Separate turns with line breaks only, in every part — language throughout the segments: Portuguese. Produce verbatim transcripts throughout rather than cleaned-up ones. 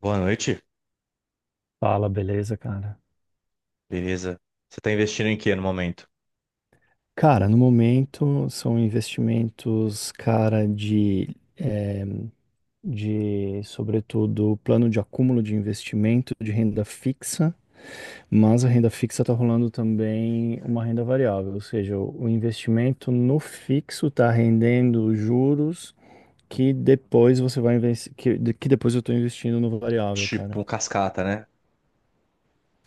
Boa noite,
Fala, beleza, cara?
beleza? Você tá investindo em quê no momento?
Cara, no momento são investimentos, cara, de, eh, de, sobretudo, plano de acúmulo de investimento de renda fixa, mas a renda fixa está rolando também uma renda variável, ou seja, o o investimento no fixo está rendendo juros que depois você vai investir, que, que depois eu estou investindo no variável,
Tipo,
cara.
um cascata, né?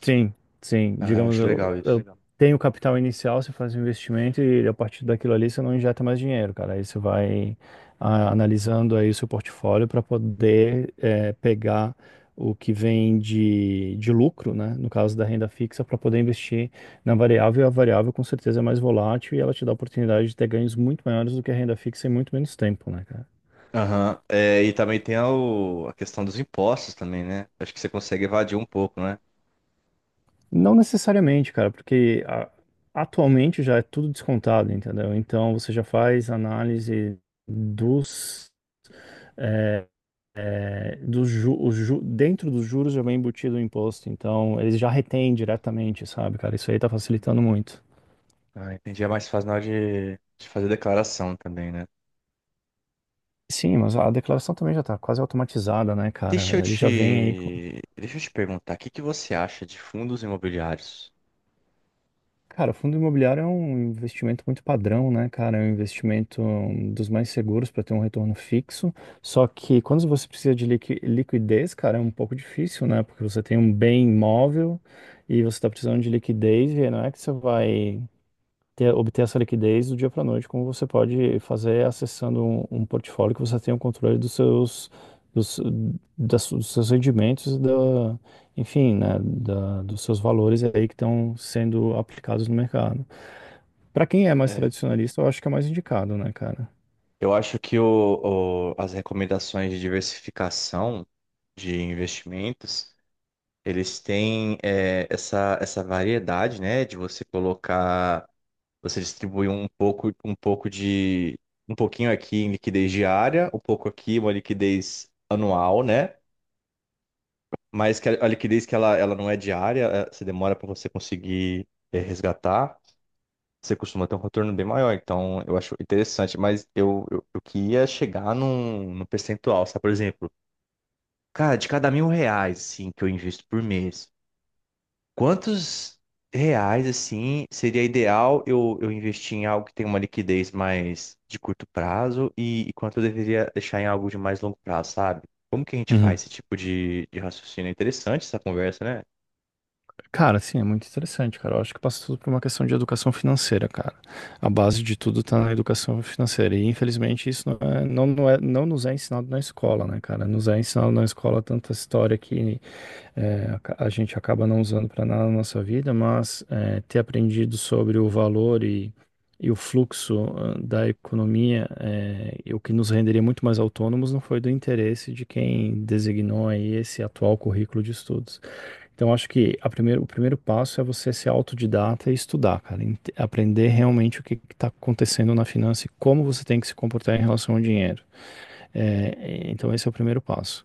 Sim, sim.
Ah, eu
Digamos,
acho
eu,
legal
eu
isso.
Legal. Tenho capital inicial, você faz um investimento e a partir daquilo ali você não injeta mais dinheiro, cara. Aí você vai ah,
Hum.
analisando aí o seu portfólio para poder eh, pegar o que vem de, de lucro, né? No caso da renda fixa, para poder investir na variável. E a variável com certeza é mais volátil e ela te dá a oportunidade de ter ganhos muito maiores do que a renda fixa em muito menos tempo, né, cara?
Aham. É, e também tem a, o- a questão dos impostos também, né? Acho que você consegue evadir um pouco, né?
Não necessariamente, cara, porque a- atualmente já é tudo descontado, entendeu? Então você já faz análise dos, é, dos ju, o ju- dentro dos juros já vem embutido o imposto, então eles já retêm diretamente, sabe, cara? Isso aí tá facilitando muito.
Ah, entendi. É mais fácil na hora de, de fazer declaração também, né?
Sim, mas a declaração também já tá quase automatizada, né,
Deixa eu
cara? Ele já vem aí.
te, deixa eu te perguntar, o que que você acha de fundos imobiliários?
Cara, fundo imobiliário é um investimento muito padrão, né, cara? É um investimento hum, dos mais seguros para ter um retorno fixo. Só que quando você precisa de liqui- liquidez, cara, é um pouco difícil, né? Porque você tem um bem imóvel e você está precisando de liquidez e não é que você vai ter, obter essa liquidez do dia para a noite, como você pode fazer acessando um, um portfólio que você tenha o controle dos seus, dos, das, dos seus rendimentos, e da, enfim, né, da, dos seus valores aí que estão sendo aplicados no mercado. Para quem é mais
É.
tradicionalista, eu acho que é mais indicado, né, cara?
Eu acho que o, o- as recomendações de diversificação de investimentos, eles têm é, essa, essa variedade, né, de você colocar, você distribuir um pouco, um pouco de, um pouquinho aqui em liquidez diária, um pouco aqui uma liquidez anual, né? Mas que a, a liquidez que ela, ela não é diária, é, você demora para você conseguir é, resgatar, você costuma ter um retorno bem maior. Então, eu acho interessante, mas eu, eu, eu queria chegar num, num percentual, sabe? Por exemplo, cara, de cada mil reais, assim, que eu invisto por mês, quantos reais, assim, seria ideal eu, eu investir em algo que tem uma liquidez mais de curto prazo e, e quanto eu deveria deixar em algo de mais longo prazo, sabe? Como que a gente faz esse tipo de, de raciocínio? É interessante essa conversa, né?
Cara, sim, é muito interessante, cara. Eu acho que passa tudo por uma questão de educação financeira, cara. A base de tudo tá na educação financeira. E infelizmente isso não é, não, não é, não nos é ensinado na escola, né, cara? Nos é ensinado na escola tanta história que é, aca- a gente acaba não usando para nada na nossa vida, mas é, ter aprendido sobre o valor e, e o fluxo ah, da economia, é, e o que nos renderia muito mais autônomos, não foi do interesse de quem designou aí esse atual currículo de estudos. Então, acho que a primeiro, o primeiro passo é você ser autodidata e estudar, cara. Ent- Aprender realmente o que está acontecendo na finança e como você tem que se comportar em relação ao dinheiro. É, é, então, esse é o primeiro passo.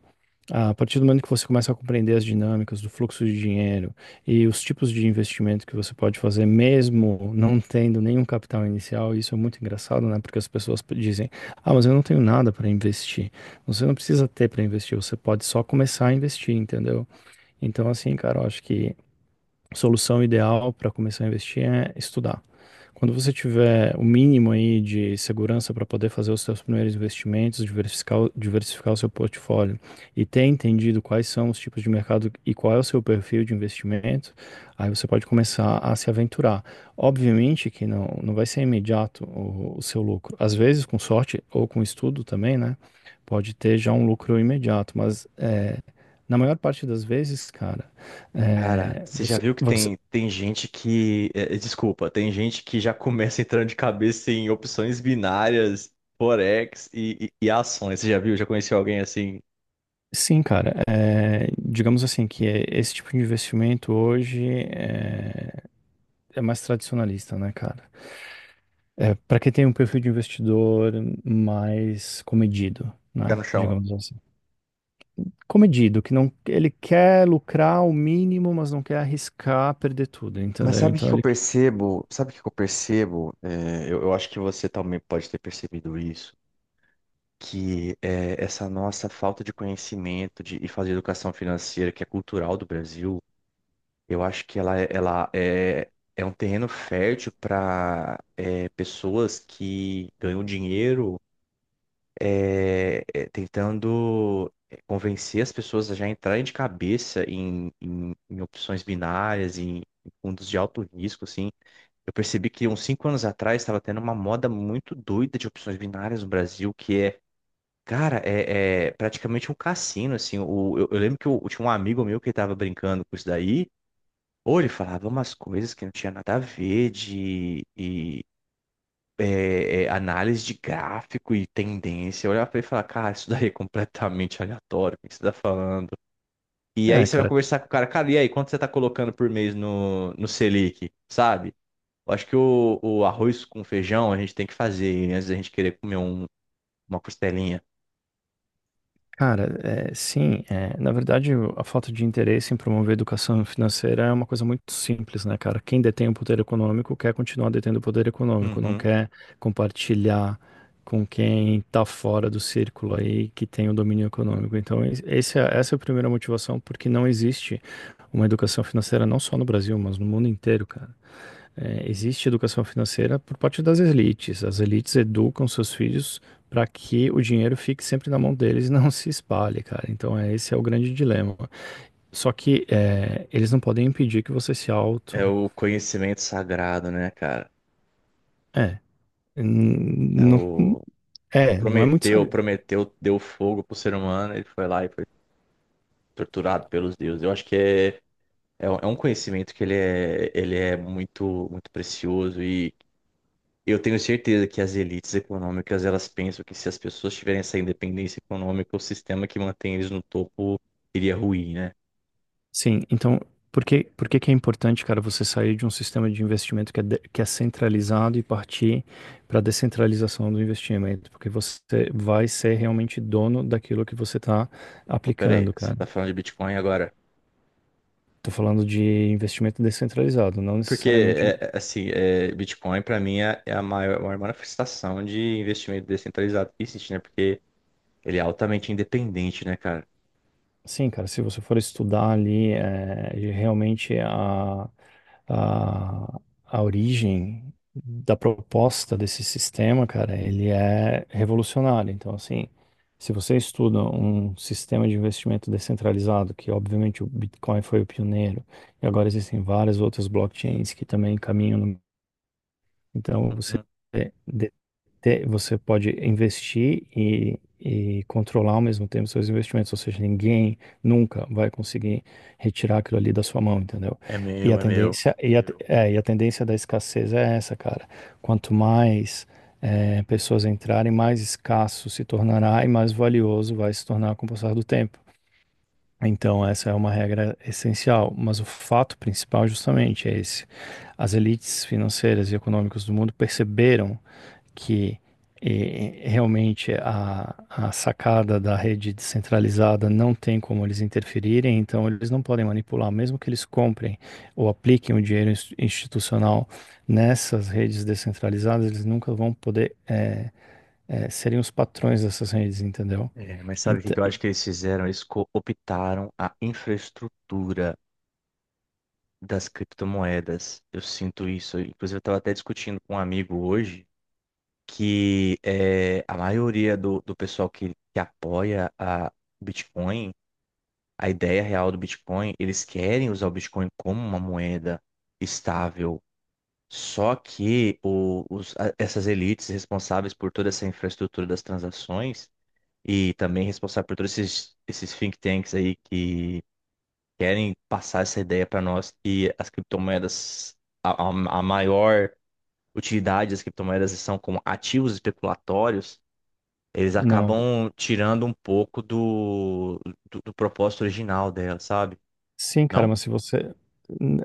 A partir do momento que você começa a compreender as dinâmicas do fluxo de dinheiro e os tipos de investimento que você pode fazer, mesmo não tendo nenhum capital inicial, isso é muito engraçado, né? Porque as pessoas dizem: Ah, mas eu não tenho nada para investir. Você não precisa ter para investir, você pode só começar a investir, entendeu? Então, assim, cara, eu acho que solução ideal para começar a investir é estudar. Quando você tiver o mínimo aí de segurança para poder fazer os seus primeiros investimentos, diversificar, o- diversificar o seu portfólio e ter entendido quais são os tipos de mercado e qual é o seu perfil de investimento, aí você pode começar a se aventurar. Obviamente que não, não vai ser imediato o, o seu lucro. Às vezes, com sorte ou com estudo também, né? Pode ter já um lucro imediato, mas é, na maior parte das vezes, cara
Cara,
é,
você já
você,
viu que
você-
tem, tem gente que. é, é, desculpa, tem gente que já começa entrando de cabeça em opções binárias, forex e, e, e ações. Você já viu? Já conheceu alguém assim,
sim, cara. é, digamos assim que é- esse tipo de investimento hoje é, é mais tradicionalista, né, cara? É, para quem tem um perfil de investidor mais comedido,
pé
né?
no chão?
Digamos assim. Comedido, que não, ele quer lucrar o mínimo, mas não quer arriscar perder tudo,
Mas
entendeu?
sabe o que
Então
que eu
ele,
percebo? Sabe o que que eu percebo? É, eu, eu acho que você também pode ter percebido isso, que é, essa nossa falta de conhecimento de, e fazer educação financeira, que é cultural do Brasil, eu acho que ela, é- ela é, é um terreno fértil para pessoas que ganham dinheiro é, é, tentando é, convencer as pessoas a já entrarem de cabeça em, em, em opções binárias, em em fundos de alto risco, assim. Eu percebi que uns cinco anos atrás estava tendo uma moda muito doida de opções binárias no Brasil, que é, cara, é, é praticamente um cassino, assim. O, eu, eu lembro que eu, eu tinha um amigo meu que estava brincando com isso daí, ou ele falava umas coisas que não tinha nada a ver de e, é, é, análise de gráfico e tendência. Eu olhava pra ele e falava, cara, isso daí é completamente aleatório, o que você tá falando? E aí
é,
você vai
cara,
conversar com o cara, cara, e aí, quanto você tá colocando por mês no, no Selic, sabe? Eu acho que o, o arroz com feijão a gente tem que fazer antes da gente querer comer um- uma costelinha.
cara, é, sim, é, na verdade o- a falta de interesse em promover educação financeira é uma coisa muito simples, né, cara? Quem detém o poder econômico quer continuar detendo o poder econômico, não
Uhum.
quer compartilhar com quem tá fora do círculo aí que tem o domínio econômico. Então, es- esse é- essa é a primeira motivação, porque não existe uma educação financeira não só no Brasil, mas no mundo inteiro, cara. É, existe educação financeira por parte das elites. As elites educam seus filhos para que o dinheiro fique sempre na mão deles e não se espalhe, cara. Então, é, esse é o grande dilema. Só que é, eles não podem impedir que você se
É
auto.
o conhecimento sagrado, né, cara?
É,
É
n- não,
o o
é, não é muito
Prometeu,
sábio.
Prometeu deu fogo pro ser humano, ele foi lá e foi torturado pelos deuses. Eu acho que é, é, um é um conhecimento que ele é, ele é muito, muito precioso e eu tenho certeza que as elites econômicas, elas pensam que se as pessoas tiverem essa independência econômica, o sistema que mantém eles no topo iria ruir, né?
Sim, então, por que, por que que é importante, cara, você sair de um sistema de investimento que é, de- que é centralizado e partir para a descentralização do investimento? Porque você vai ser realmente dono daquilo que você está
Pô, peraí,
aplicando,
você
cara.
tá falando de Bitcoin agora?
Tô falando de investimento descentralizado, não
Porque,
necessariamente
é, é, assim, é, Bitcoin pra mim é, é a maior, maior manifestação de investimento descentralizado que existe, né? Porque ele é altamente independente, né, cara?
sim, cara, se você for estudar ali, é, realmente a, a, a origem da proposta desse sistema, cara, ele é revolucionário. Então, assim, se você estuda um sistema de investimento descentralizado, que obviamente o Bitcoin foi o pioneiro, e agora existem várias outras blockchains que também caminham no então, você,
Uhum.
é, de- te- você pode investir e, e controlar ao mesmo tempo seus investimentos, ou seja, ninguém nunca vai conseguir retirar aquilo ali da sua mão, entendeu?
É
E
meu,
a
é meu.
tendência, e a, é, e a tendência da escassez é essa, cara. Quanto mais é, pessoas entrarem, mais escasso se tornará e mais valioso vai se tornar com o passar do tempo. Então, essa é uma regra essencial, mas o fato principal justamente é esse. As elites financeiras e econômicas do mundo perceberam que eh, realmente a, a sacada da rede descentralizada não tem como eles interferirem, então eles não podem manipular, mesmo que eles comprem ou apliquem o dinheiro ins- institucional nessas redes descentralizadas, eles nunca vão poder eh, eh, serem os patrões dessas redes, entendeu?
É, mas sabe o que
Então,
que eu acho que eles fizeram? Eles cooptaram a infraestrutura das criptomoedas. Eu sinto isso. Inclusive, eu estava até discutindo com um amigo hoje que é, a maioria do, do pessoal que, que apoia a Bitcoin, a ideia real do Bitcoin, eles querem usar o Bitcoin como uma moeda estável. Só que o- os- a- essas elites responsáveis por toda essa infraestrutura das transações e também responsável por todos esses, esses think tanks aí que querem passar essa ideia para nós que as criptomoedas, a, a a maior utilidade das criptomoedas são como ativos especulatórios, eles
não.
acabam tirando um pouco do, do, do propósito original dela, sabe?
Sim, cara,
Não?
mas se você.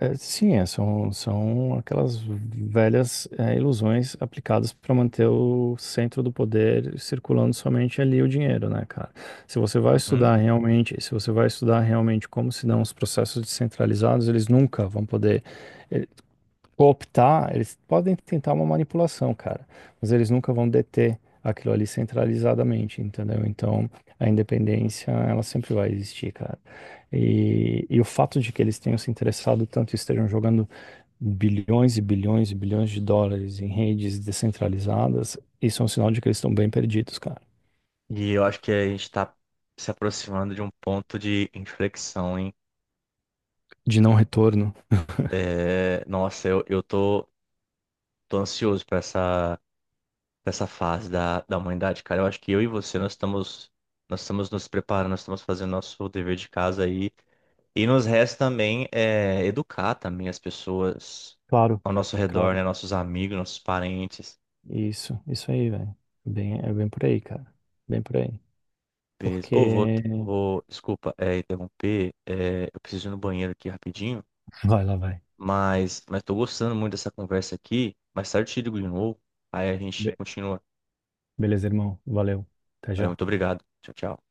é, Sim, é, são, são aquelas velhas é, ilusões aplicadas para manter o centro do poder circulando somente ali o dinheiro, né, cara? Se você vai
Uhum.
estudar realmente, se você vai estudar realmente como se dão os processos descentralizados, eles nunca vão poder cooptar, eles podem tentar uma manipulação, cara, mas eles nunca vão deter aquilo ali centralizadamente, entendeu? Então, a independência, ela sempre vai existir, cara. E, e o fato de que eles tenham se interessado tanto e estejam jogando bilhões e bilhões e bilhões de dólares em redes descentralizadas, isso é um sinal de que eles estão bem perdidos, cara.
E eu acho que a gente está se aproximando de um ponto de inflexão, hein?
De não retorno.
É, nossa, eu, eu tô, tô ansioso para essa, pra essa fase da, da humanidade, cara. Eu acho que eu e você, nós estamos, nós estamos nos preparando, nós estamos fazendo nosso dever de casa aí. E nos resta também é, educar também as pessoas
Claro,
ao nosso redor, né?
claro.
Nossos amigos, nossos parentes.
Isso, isso aí, velho. Bem, é bem por aí, cara. Bem por aí.
Beleza. Ô, vou,
Porque.
vou, desculpa, é, interromper. É, eu preciso ir no banheiro aqui rapidinho.
Vai lá, vai.
Mas, mas tô gostando muito dessa conversa aqui. Mais tarde eu te ligo de novo. Aí a gente continua.
Beleza, irmão. Valeu. Até
Valeu,
já.
muito obrigado. Tchau, tchau.